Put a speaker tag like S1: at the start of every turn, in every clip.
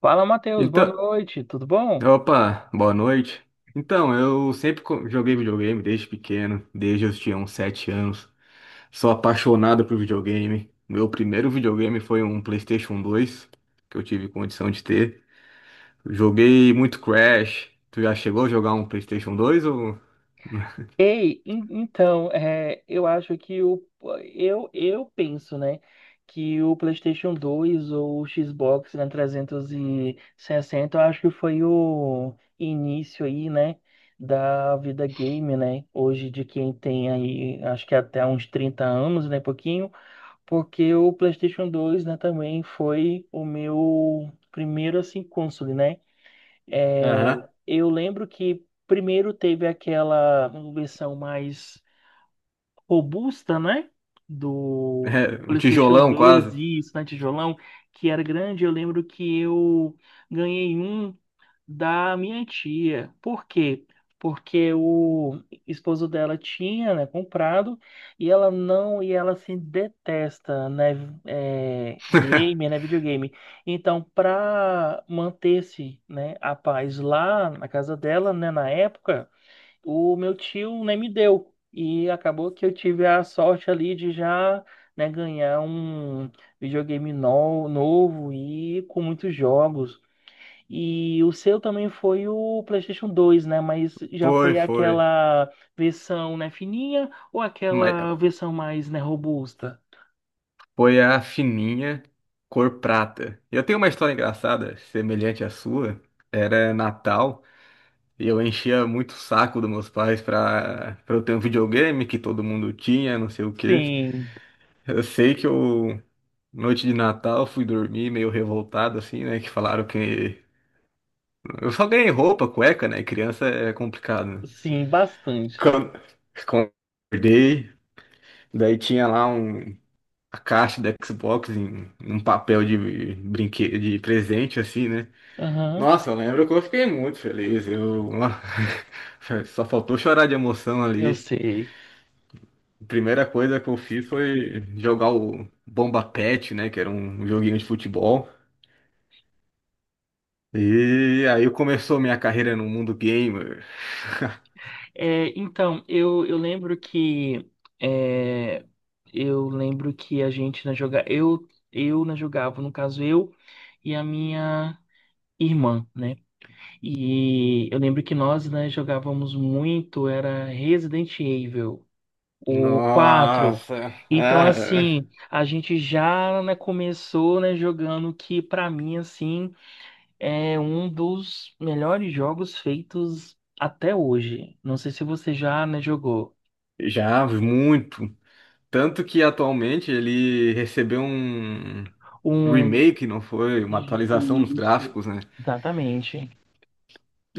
S1: Fala, Matheus, boa
S2: Então,
S1: noite, tudo bom?
S2: opa, boa noite. Então, eu sempre joguei videogame desde pequeno, desde eu tinha uns 7 anos. Sou apaixonado por videogame. Meu primeiro videogame foi um PlayStation 2, que eu tive condição de ter. Joguei muito Crash. Tu já chegou a jogar um PlayStation 2 ou
S1: Ei, en- então, é, eu acho que o. Eu penso, né? Que o PlayStation 2 ou o Xbox, né, 360, eu acho que foi o início aí, né? Da vida game, né? Hoje de quem tem aí, acho que até uns 30 anos, né? Pouquinho, porque o PlayStation 2, né? Também foi o meu primeiro, assim, console, né? É,
S2: Aham.
S1: eu lembro que primeiro teve aquela versão mais robusta, né? Do
S2: Um
S1: PlayStation
S2: tijolão
S1: 2
S2: quase?
S1: e isso, né, tijolão, que era grande. Eu lembro que eu ganhei um da minha tia. Por quê? Porque o esposo dela tinha, né, comprado e ela não, e ela se detesta, né, é, game, né, videogame. Então, para manter-se, né, a paz lá na casa dela, né, na época, o meu tio, né, me deu. E acabou que eu tive a sorte ali de já, né, ganhar um videogame novo e com muitos jogos. E o seu também foi o PlayStation 2, né? Mas já
S2: Foi,
S1: foi
S2: foi.
S1: aquela versão, né, fininha ou
S2: Mas,
S1: aquela versão mais, né, robusta?
S2: foi a fininha, cor prata. Eu tenho uma história engraçada, semelhante à sua. Era Natal e eu enchia muito o saco dos meus pais para eu ter um videogame que todo mundo tinha, não sei o quê.
S1: Sim,
S2: Eu sei que eu, noite de Natal, fui dormir meio revoltado assim, né, que falaram que eu só ganhei roupa, cueca, né? Criança é complicado, né?
S1: sim, bastante.
S2: Quando... quando acordei, daí tinha lá um, a caixa da Xbox, em um papel de brinquedo, de presente, assim, né?
S1: Aham,
S2: Nossa, eu lembro que eu fiquei muito feliz. Eu só faltou chorar de emoção
S1: eu
S2: ali.
S1: sei.
S2: A primeira coisa que eu fiz foi jogar o Bomba Patch, né? Que era um joguinho de futebol. E aí começou minha carreira no mundo gamer.
S1: Eu lembro que é, eu lembro que a gente né, joga, eu né, jogava, no caso eu e a minha irmã, né? E eu lembro que nós né, jogávamos muito, era Resident Evil. O quatro.
S2: Nossa,
S1: Então,
S2: ah,
S1: assim, a gente já, né, começou, né, jogando o que, pra mim, assim, é um dos melhores jogos feitos até hoje. Não sei se você já, né, jogou.
S2: já muito. Tanto que atualmente ele recebeu um
S1: Um...
S2: remake, não foi, uma atualização nos
S1: Isso.
S2: gráficos, né?
S1: Exatamente.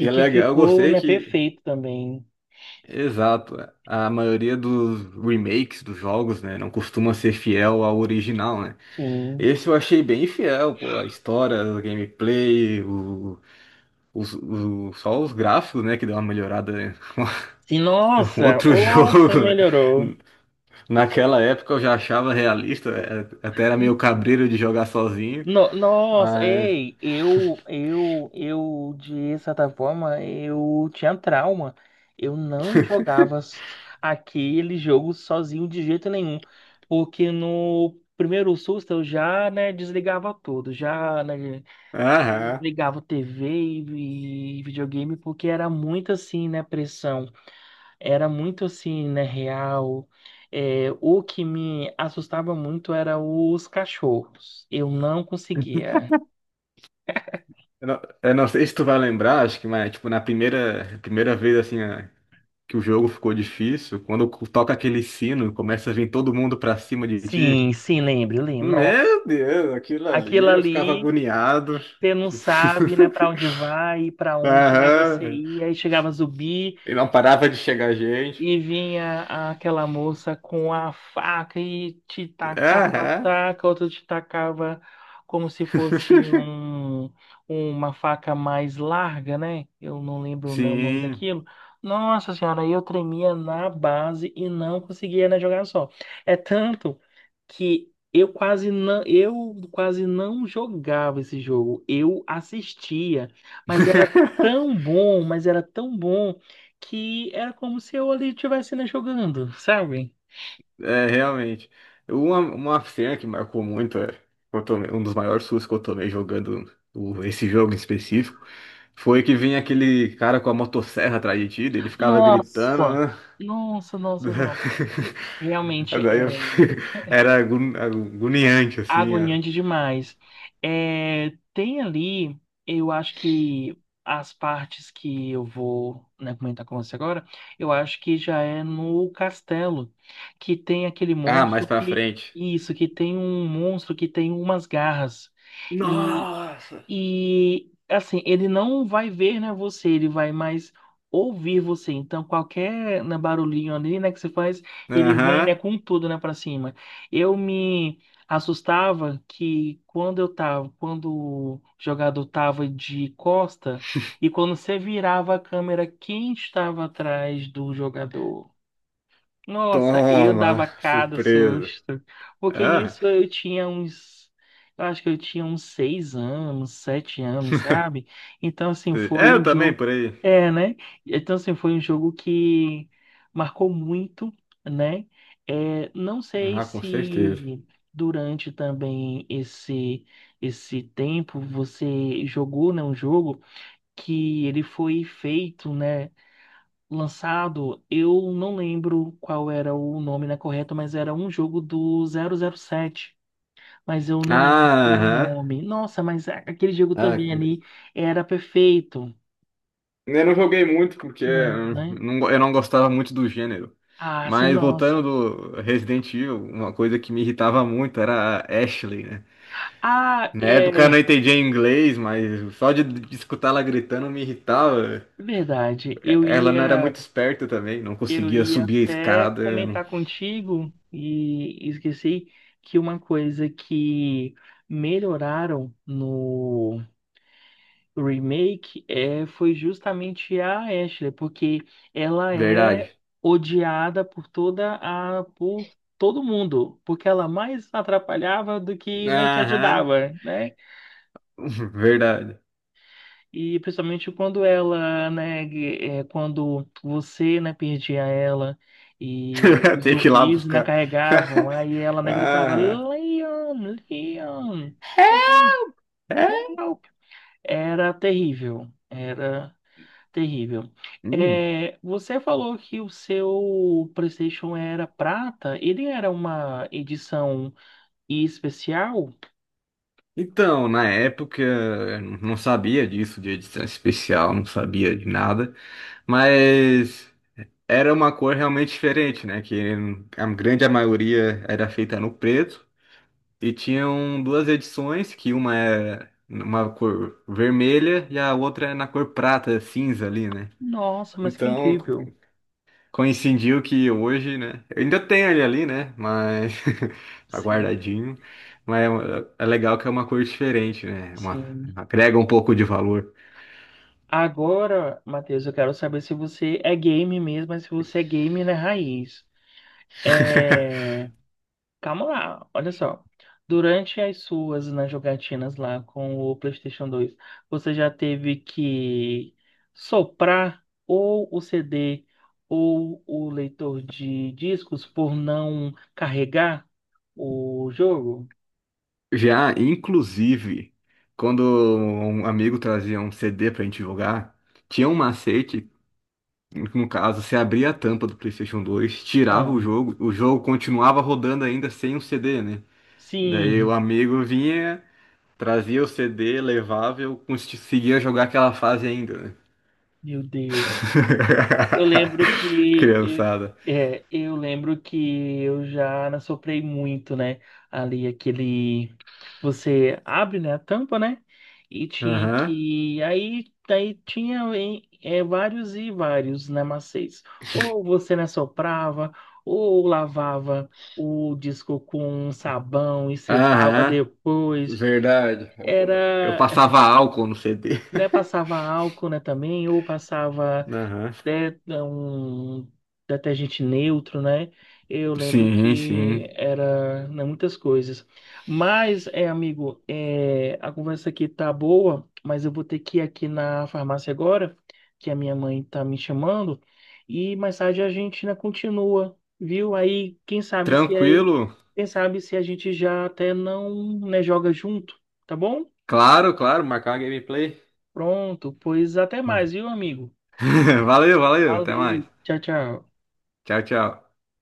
S2: E é
S1: que
S2: legal, eu
S1: ficou,
S2: gostei
S1: né,
S2: que,
S1: perfeito também.
S2: exato, a maioria dos remakes dos jogos, né, não costuma ser fiel ao original, né?
S1: Sim.
S2: Esse eu achei bem fiel, pô, a história, o gameplay, o, só os gráficos, né, que deu uma melhorada, né?
S1: Sim,
S2: Um
S1: nossa,
S2: outro
S1: oh, você
S2: jogo, né?
S1: melhorou.
S2: Naquela época eu já achava realista, até era meio cabreiro de jogar sozinho,
S1: Nossa,
S2: mas...
S1: ei, eu, de certa forma, eu tinha trauma. Eu não jogava aquele jogo sozinho de jeito nenhum, porque no primeiro susto eu já, né, desligava tudo, já, né,
S2: Aham.
S1: desligava TV e videogame, porque era muito assim, né, pressão era muito assim, né, real. É, o que me assustava muito era os cachorros. Eu não conseguia.
S2: Eu não sei se tu vai lembrar, acho que, mas, tipo, na primeira vez, assim, que o jogo ficou difícil, quando toca aquele sino, começa a vir todo mundo pra cima de ti.
S1: Sim, sim, lembro, lembro. Nossa,
S2: Meu Deus, aquilo
S1: aquilo
S2: ali, eu ficava
S1: ali,
S2: agoniado.
S1: você não sabe, né, para onde vai, para onde, né, você
S2: Aham.
S1: ia, e chegava zumbi.
S2: E não parava de chegar gente.
S1: E vinha aquela moça com a faca e te tacava,
S2: Aham.
S1: taca, outra te tacava como se fosse um, uma faca mais larga, né? Eu não lembro o nome
S2: Sim.
S1: daquilo. Nossa senhora, eu tremia na base e não conseguia, né, jogar só. É tanto que eu quase não jogava esse jogo. Eu assistia, mas era tão bom, mas era tão bom que era como se eu ali estivesse né, jogando, sabe?
S2: É, realmente. Uma cena que marcou muito, é, que eu um dos maiores sustos que eu tomei jogando esse jogo em específico, foi que vinha aquele cara com a motosserra atrás de ti, daí ele ficava gritando,
S1: Nossa,
S2: né?
S1: nossa. Realmente
S2: Daí
S1: é
S2: eu, era agoniante, assim. Ó.
S1: agoniante demais. É, tem ali, eu acho que as partes que eu vou, né, comentar com você agora, eu acho que já é no castelo, que tem aquele
S2: Ah, mais
S1: monstro
S2: pra
S1: que.
S2: frente.
S1: Isso, que tem um monstro que tem umas garras.
S2: Nossa!
S1: E assim, ele não vai ver, né, você, ele vai mais ouvir você. Então, qualquer né, barulhinho ali, né, que você faz, ele vem, né,
S2: Aham.
S1: com tudo, né, para cima. Eu me assustava que quando eu tava, quando o jogador tava de costa e quando você virava a câmera, quem estava atrás do jogador? Nossa, eu
S2: Toma!
S1: dava cada
S2: Surpresa.
S1: susto. Porque
S2: Ah,
S1: nisso eu tinha uns. Eu acho que eu tinha uns 6 anos, 7 anos, sabe? Então, assim,
S2: é,
S1: foi
S2: eu
S1: um
S2: também,
S1: jogo.
S2: por aí.
S1: É, né? Então, assim, foi um jogo que marcou muito, né? É, não sei
S2: Ah, com certeza.
S1: se durante também esse tempo você jogou, né, um jogo que ele foi feito, né? Lançado, eu não lembro qual era o nome, né, correto, mas era um jogo do 007. Mas eu não lembro qual
S2: Ah,
S1: era o
S2: aham.
S1: nome. Nossa, mas aquele jogo
S2: Ah,
S1: também ali era perfeito.
S2: eu não joguei muito porque
S1: Não, né?
S2: eu não gostava muito do gênero.
S1: Ah, sim,
S2: Mas
S1: nossa.
S2: voltando do Resident Evil, uma coisa que me irritava muito era a Ashley, né?
S1: Ah,
S2: Na época eu não
S1: é
S2: entendia inglês, mas só de escutar ela gritando me irritava.
S1: verdade.
S2: Ela não era muito esperta também, não
S1: Eu
S2: conseguia
S1: ia
S2: subir a
S1: até
S2: escada. Não.
S1: comentar contigo e esqueci que uma coisa que melhoraram o remake é, foi justamente a Ashley, porque ela é
S2: Verdade.
S1: odiada por toda a por todo mundo, porque ela mais atrapalhava do que né, te
S2: Aham,
S1: ajudava, né?
S2: verdade.
S1: E principalmente quando ela, né, é, quando você, né, perdia ela e os
S2: Tem que ir lá
S1: zumbis né,
S2: buscar.
S1: carregavam, aí ela, né, gritava
S2: Aham.
S1: Leon, Leon,
S2: É. É?
S1: help! Era terrível, era terrível.
S2: Hum.
S1: É, você falou que o seu PlayStation era prata. Ele era uma edição especial?
S2: Então, na época, eu não sabia disso de edição especial, não sabia de nada, mas era uma cor realmente diferente, né? Que a grande maioria era feita no preto e tinham duas edições, que uma é uma cor vermelha e a outra é na cor prata, cinza ali, né?
S1: Nossa, mas que
S2: Então,
S1: incrível.
S2: coincidiu que hoje, né, eu ainda tenho ele ali, né? Mas tá
S1: Sim,
S2: guardadinho. Mas é uma- é legal que é uma cor diferente, né? Uma,
S1: sim.
S2: agrega um pouco de valor.
S1: Agora, Matheus, eu quero saber se você é game mesmo, mas se você é game na raiz. É. Calma lá, olha só. Durante as suas nas jogatinas lá com o PlayStation 2, você já teve que soprar ou o CD ou o leitor de discos por não carregar o jogo?
S2: Já, inclusive, quando um amigo trazia um CD pra gente jogar, tinha um macete, no caso, você abria a tampa do PlayStation 2, tirava
S1: Ah,
S2: o jogo continuava rodando ainda sem o CD, né? Daí o
S1: sim,
S2: amigo vinha, trazia o CD, levava e eu conseguia jogar aquela fase ainda, né?
S1: meu Deus. Eu lembro que
S2: Criançada.
S1: eu lembro que eu já soprei muito, né? Ali aquele você abre, né, a tampa, né? E tinha
S2: Aham.
S1: que aí daí tinha vários e vários né, macês. Ou você né, soprava, ou lavava o disco com sabão e secava
S2: Aham.
S1: depois.
S2: Verdade. Eu
S1: Era,
S2: passava álcool no CD.
S1: né, passava álcool, né, também, ou passava
S2: Aham.
S1: um detergente neutro, né? Eu lembro
S2: Sim,
S1: que
S2: sim.
S1: era, né, muitas coisas. Mas, é, amigo, é, a conversa aqui tá boa, mas eu vou ter que ir aqui na farmácia agora, que a minha mãe tá me chamando, e mais tarde a gente, né, continua, viu? Aí,
S2: Tranquilo.
S1: quem sabe se a gente já até não, né, joga junto, tá bom?
S2: Claro, claro. Marcar uma gameplay.
S1: Pronto, pois até mais, viu, amigo?
S2: Valeu, valeu. Até mais.
S1: Valeu, tchau, tchau.
S2: Tchau, tchau.